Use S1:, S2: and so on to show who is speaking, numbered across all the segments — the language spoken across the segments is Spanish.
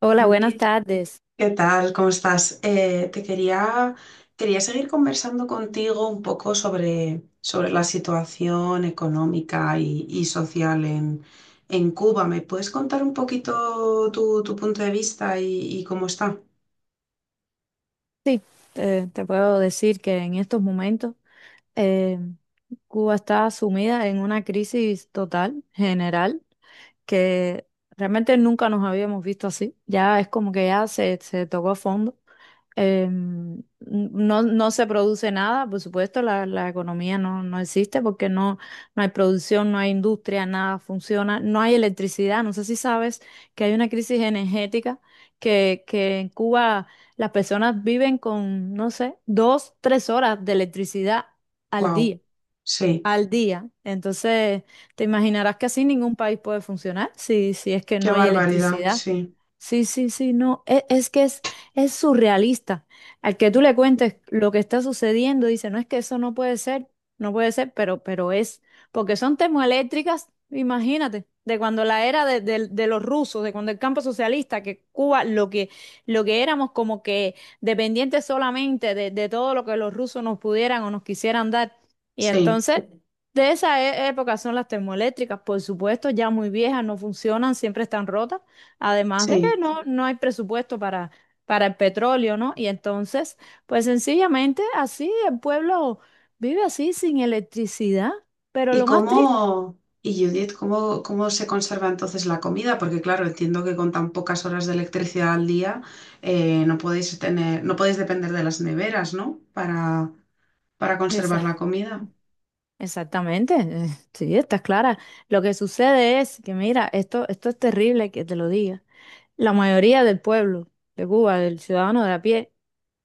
S1: Hola, buenas
S2: Judith,
S1: tardes.
S2: ¿qué tal? ¿Cómo estás? Quería seguir conversando contigo un poco sobre la situación económica y social en Cuba. ¿Me puedes contar un poquito tu punto de vista y cómo está?
S1: Sí, te puedo decir que en estos momentos eh, Cuba está sumida en una crisis total, general, que realmente nunca nos habíamos visto así. Ya es como que ya se tocó fondo. No se produce nada, por supuesto, la economía no existe porque no hay producción, no hay industria, nada funciona, no hay electricidad. No sé si sabes que hay una crisis energética que en Cuba las personas viven con, no sé, dos, tres horas de electricidad al
S2: Wow,
S1: día
S2: sí,
S1: al día. Entonces, te imaginarás que así ningún país puede funcionar si es que
S2: qué
S1: no hay
S2: barbaridad,
S1: electricidad.
S2: sí,
S1: Sí, sí, sí, no, es surrealista. Al que tú le cuentes lo que está sucediendo, dice, no es que eso no puede ser, no puede ser, pero es, porque son termoeléctricas, imagínate, de cuando la era de los rusos, de cuando el campo socialista, que Cuba, lo que éramos como que dependientes solamente de todo lo que los rusos nos pudieran o nos quisieran dar. Y
S2: sí,
S1: entonces, de esa época son las termoeléctricas, por supuesto, ya muy viejas, no funcionan, siempre están rotas, además de que
S2: sí.
S1: no hay presupuesto para el petróleo, ¿no? Y entonces, pues sencillamente así el pueblo vive así sin electricidad, pero
S2: ¿Y
S1: lo más triste,
S2: cómo, y Judith, ¿cómo se conserva entonces la comida? Porque claro, entiendo que con tan pocas horas de electricidad al día no podéis tener, no podéis depender de las neveras, ¿no? Para conservar la
S1: esa-
S2: comida.
S1: exactamente, sí, está clara. Lo que sucede es que, mira, esto es terrible que te lo diga. La mayoría del pueblo de Cuba, del ciudadano de a pie,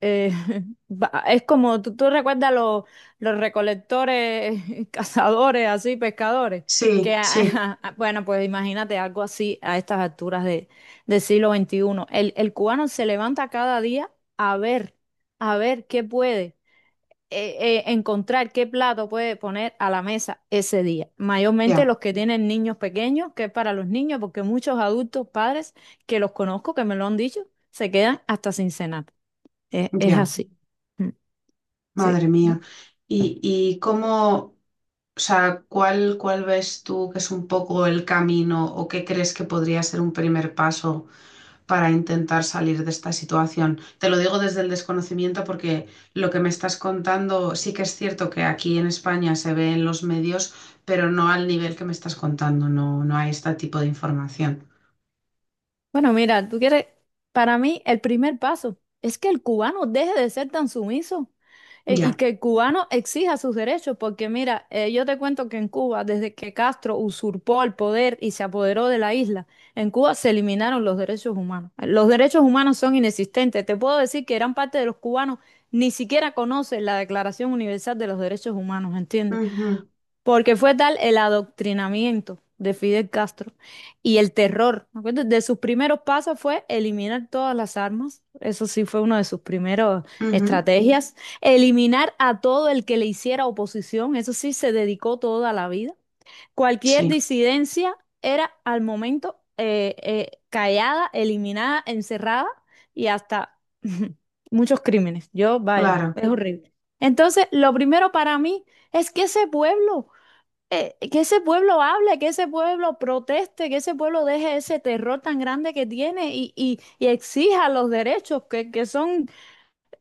S1: Eh, es como tú recuerdas los recolectores, cazadores, así, pescadores, que,
S2: Sí, sí,
S1: a- bueno, pues imagínate algo así a estas alturas del siglo XXI. El cubano se levanta cada día a ver, a ver qué puede encontrar, qué plato puede poner a la mesa ese día. Mayormente
S2: ya,
S1: los que tienen niños pequeños, que es para los niños, porque muchos adultos, padres que los conozco, que me lo han dicho, se quedan hasta sin cenar. Es
S2: ya,
S1: así. Mm. Sí.
S2: madre mía. ¿Y, y cómo, o sea, ¿cuál ves tú que es un poco el camino o qué crees que podría ser un primer paso para intentar salir de esta situación? Te lo digo desde el desconocimiento, porque lo que me estás contando sí que es cierto que aquí en España se ve en los medios, pero no al nivel que me estás contando, no, no hay este tipo de información.
S1: Bueno, mira, tú quieres, para mí el primer paso es que el cubano deje de ser tan sumiso y
S2: Ya.
S1: que el cubano exija sus derechos, porque mira, yo te cuento que en Cuba, desde que Castro usurpó el poder y se apoderó de la isla, en Cuba se eliminaron los derechos humanos. Los derechos humanos son inexistentes. Te puedo decir que gran parte de los cubanos ni siquiera conocen la Declaración Universal de los Derechos Humanos, ¿entiendes?
S2: Ujú,
S1: Porque fue tal el adoctrinamiento de Fidel Castro y el terror. ¿Me acuerdas? De sus primeros pasos fue eliminar todas las armas. Eso sí fue una de sus primeras
S2: ujú.
S1: estrategias. Eliminar a todo el que le hiciera oposición. Eso sí se dedicó toda la vida. Cualquier
S2: Sí,
S1: disidencia era al momento callada, eliminada, encerrada y hasta muchos crímenes. Yo, vaya,
S2: claro.
S1: es horrible. Entonces, lo primero para mí es que ese pueblo hable, que ese pueblo proteste, que ese pueblo deje ese terror tan grande que tiene y exija los derechos, que son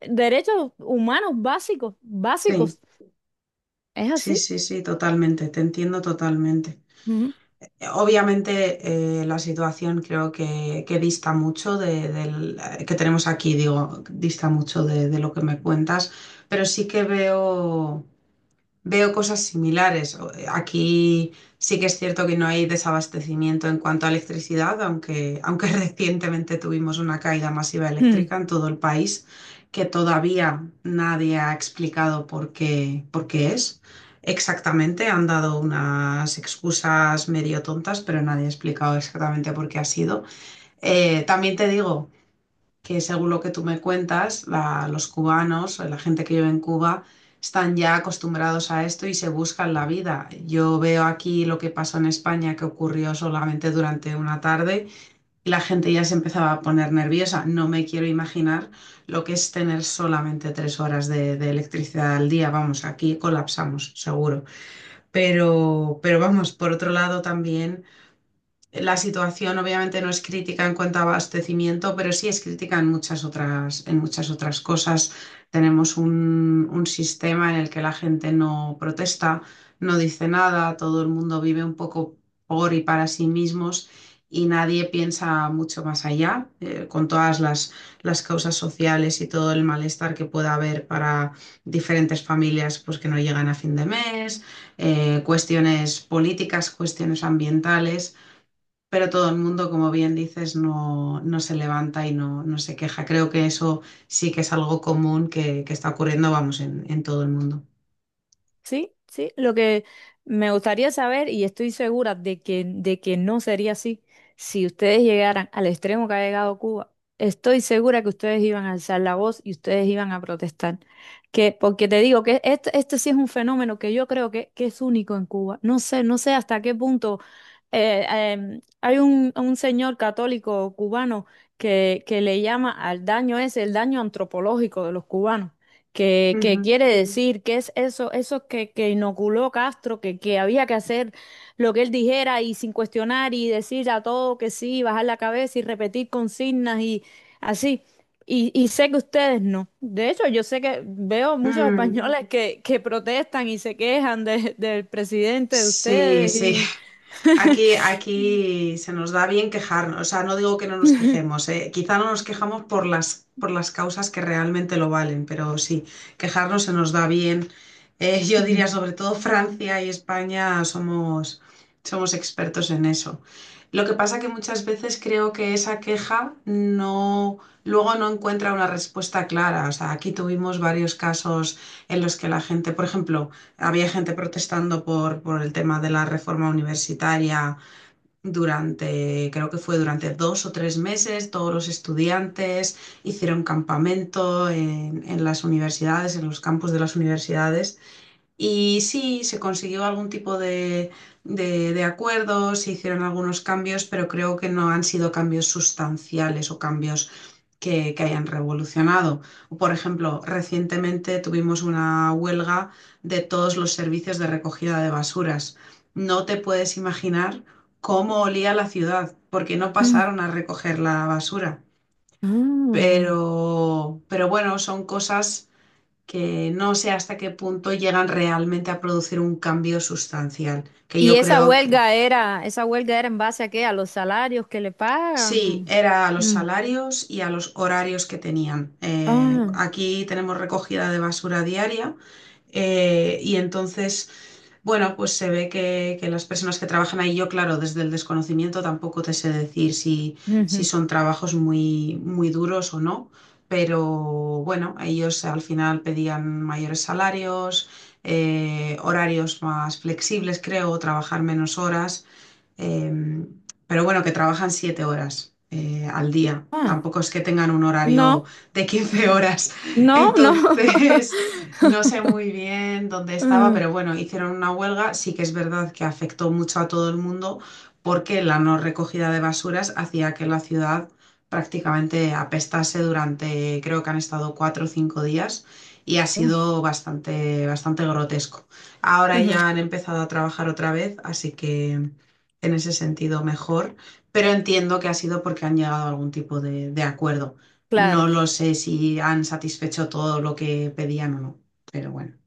S1: derechos humanos básicos,
S2: Sí,
S1: básicos. Es
S2: sí,
S1: así.
S2: sí, sí, totalmente, te entiendo totalmente. Obviamente la situación creo que dista mucho de, del que tenemos aquí, digo, dista mucho de lo que me cuentas, pero sí que veo, veo cosas similares. Aquí sí que es cierto que no hay desabastecimiento en cuanto a electricidad, aunque recientemente tuvimos una caída masiva
S1: Ujú.
S2: eléctrica en todo el país, que todavía nadie ha explicado por qué es. Exactamente, han dado unas excusas medio tontas, pero nadie ha explicado exactamente por qué ha sido. También te digo que según lo que tú me cuentas, los cubanos, la gente que vive en Cuba, están ya acostumbrados a esto y se buscan la vida. Yo veo aquí lo que pasó en España, que ocurrió solamente durante una tarde y la gente ya se empezaba a poner nerviosa. No me quiero imaginar lo que es tener solamente 3 horas de electricidad al día. Vamos, aquí colapsamos, seguro. Pero vamos, por otro lado también... La situación obviamente no es crítica en cuanto a abastecimiento, pero sí es crítica en muchas otras cosas. Tenemos un sistema en el que la gente no protesta, no dice nada, todo el mundo vive un poco por y para sí mismos y nadie piensa mucho más allá, con todas las causas sociales y todo el malestar que pueda haber para diferentes familias, pues, que no llegan a fin de mes, cuestiones políticas, cuestiones ambientales. Pero todo el mundo, como bien dices, no, no se levanta y no, no se queja. Creo que eso sí que es algo común que está ocurriendo, vamos, en todo el mundo.
S1: Sí, sí, lo que me gustaría saber, y estoy segura de que no sería así, si ustedes llegaran al extremo que ha llegado Cuba, estoy segura que ustedes iban a alzar la voz y ustedes iban a protestar. Que, porque te digo que este sí es un fenómeno que yo creo que es único en Cuba. No sé, no sé hasta qué punto eh, hay un señor católico cubano que le llama al daño ese, el daño antropológico de los cubanos. ¿Qué, qué
S2: Ujú.
S1: quiere decir? ¿Qué es eso? Eso que inoculó Castro, que había que hacer lo que él dijera y sin cuestionar y decir a todo que sí, bajar la cabeza y repetir consignas y así. Y sé que ustedes no. De hecho, yo sé que veo muchos
S2: Mm.
S1: españoles que protestan y se quejan del presidente de
S2: Sí,
S1: ustedes
S2: sí.
S1: y...
S2: Aquí, aquí se nos da bien quejarnos, o sea, no digo que no nos quejemos, quizá no nos quejamos por por las causas que realmente lo valen, pero sí, quejarnos se nos da bien. Yo diría sobre todo Francia y España somos, somos expertos en eso. Lo que pasa que muchas veces creo que esa queja no, luego no encuentra una respuesta clara. O sea, aquí tuvimos varios casos en los que la gente, por ejemplo, había gente protestando por el tema de la reforma universitaria durante, creo que fue durante 2 o 3 meses, todos los estudiantes hicieron campamento en las universidades, en los campus de las universidades. Y sí, se consiguió algún tipo de acuerdo, se hicieron algunos cambios, pero creo que no han sido cambios sustanciales o cambios que hayan revolucionado. O, por ejemplo, recientemente tuvimos una huelga de todos los servicios de recogida de basuras. No te puedes imaginar cómo olía la ciudad, porque no pasaron a recoger la basura.
S1: Ah.
S2: Pero bueno, son cosas que no sé hasta qué punto llegan realmente a producir un cambio sustancial, que
S1: ¿Y
S2: yo creo que...
S1: esa huelga era en base a qué? ¿A los salarios que le
S2: Sí,
S1: pagan?
S2: era a los
S1: Mm.
S2: salarios y a los horarios que tenían.
S1: Ah,
S2: Aquí tenemos recogida de basura diaria, y entonces, bueno, pues se ve que las personas que trabajan ahí, yo claro, desde el desconocimiento tampoco te sé decir si, si
S1: ujú.
S2: son trabajos muy, muy duros o no, pero bueno, ellos al final pedían mayores salarios, horarios más flexibles, creo, trabajar menos horas, eh, pero bueno, que trabajan 7 horas, al día.
S1: Ah,
S2: Tampoco es que tengan un horario
S1: no,
S2: de quince
S1: mm,
S2: horas.
S1: no, no.
S2: Entonces, no sé muy bien dónde estaba,
S1: Mm.
S2: pero bueno, hicieron una huelga. Sí que es verdad que afectó mucho a todo el mundo porque la no recogida de basuras hacía que la ciudad prácticamente apestase durante, creo que han estado 4 o 5 días, y ha sido bastante, bastante grotesco. Ahora ya han empezado a trabajar otra vez, así que en ese sentido mejor, pero entiendo que ha sido porque han llegado a algún tipo de acuerdo. No
S1: Claro,
S2: lo sé si han satisfecho todo lo que pedían o no, pero bueno.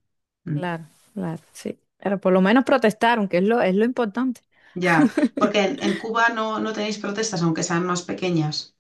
S2: Mm.
S1: claro, claro, sí. Pero por lo menos protestaron, que es lo importante.
S2: Ya, porque en Cuba no, no tenéis protestas, aunque sean más pequeñas.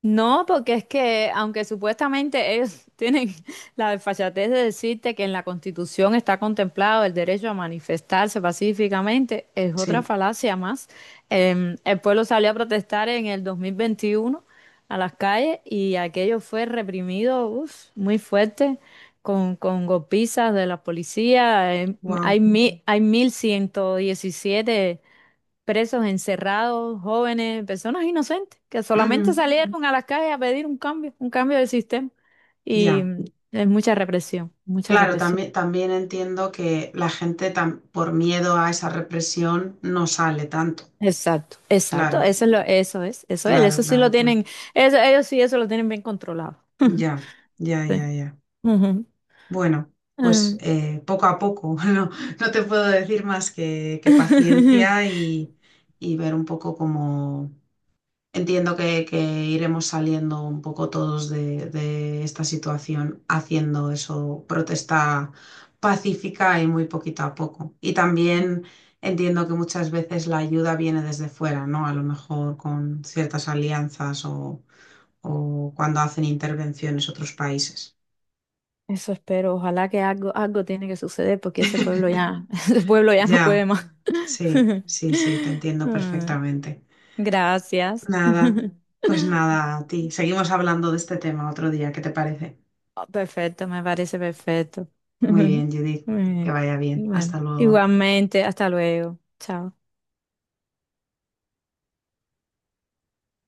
S1: No, porque es que, aunque supuestamente ellos tienen la desfachatez de decirte que en la Constitución está contemplado el derecho a manifestarse pacíficamente, es otra
S2: Sí,
S1: falacia más. El pueblo salió a protestar en el 2021 a las calles y aquello fue reprimido, uf, muy fuerte, con golpizas de la policía.
S2: wow.
S1: Hay 1117 presos, encerrados, jóvenes, personas inocentes que solamente
S2: Ujú,
S1: salieron a las calles a pedir un cambio del sistema. Y
S2: ya.
S1: mm, es mucha represión, mucha
S2: Claro,
S1: represión.
S2: también, también entiendo que la gente por miedo a esa represión no sale tanto.
S1: Exacto, exacto,
S2: Claro,
S1: eso es lo, eso es, eso es,
S2: claro,
S1: eso sí
S2: claro,
S1: lo
S2: claro.
S1: tienen, eso, ellos sí eso lo tienen bien controlado.
S2: Ya, ya, ya,
S1: Sí.
S2: ya.
S1: Ujú.
S2: Bueno, pues
S1: Mm.
S2: poco a poco, no, no te puedo decir más que paciencia y ver un poco cómo... Entiendo que iremos saliendo un poco todos de esta situación haciendo eso, protesta pacífica y muy poquito a poco. Y también entiendo que muchas veces la ayuda viene desde fuera, ¿no? A lo mejor con ciertas alianzas o cuando hacen intervenciones otros países.
S1: Eso espero, ojalá que algo, algo tiene que suceder porque ese pueblo ya, ese pueblo ya no
S2: Ya.
S1: puede más.
S2: Sí, sí, sí, te entiendo
S1: Mm.
S2: perfectamente.
S1: Gracias.
S2: Nada, pues nada, a ti. Seguimos hablando de este tema otro día, ¿qué te parece?
S1: Oh, perfecto, me parece perfecto.
S2: Muy
S1: Muy
S2: bien, Judith, que
S1: bien.
S2: vaya bien.
S1: Bueno,
S2: Hasta luego.
S1: igualmente, hasta luego. Chao.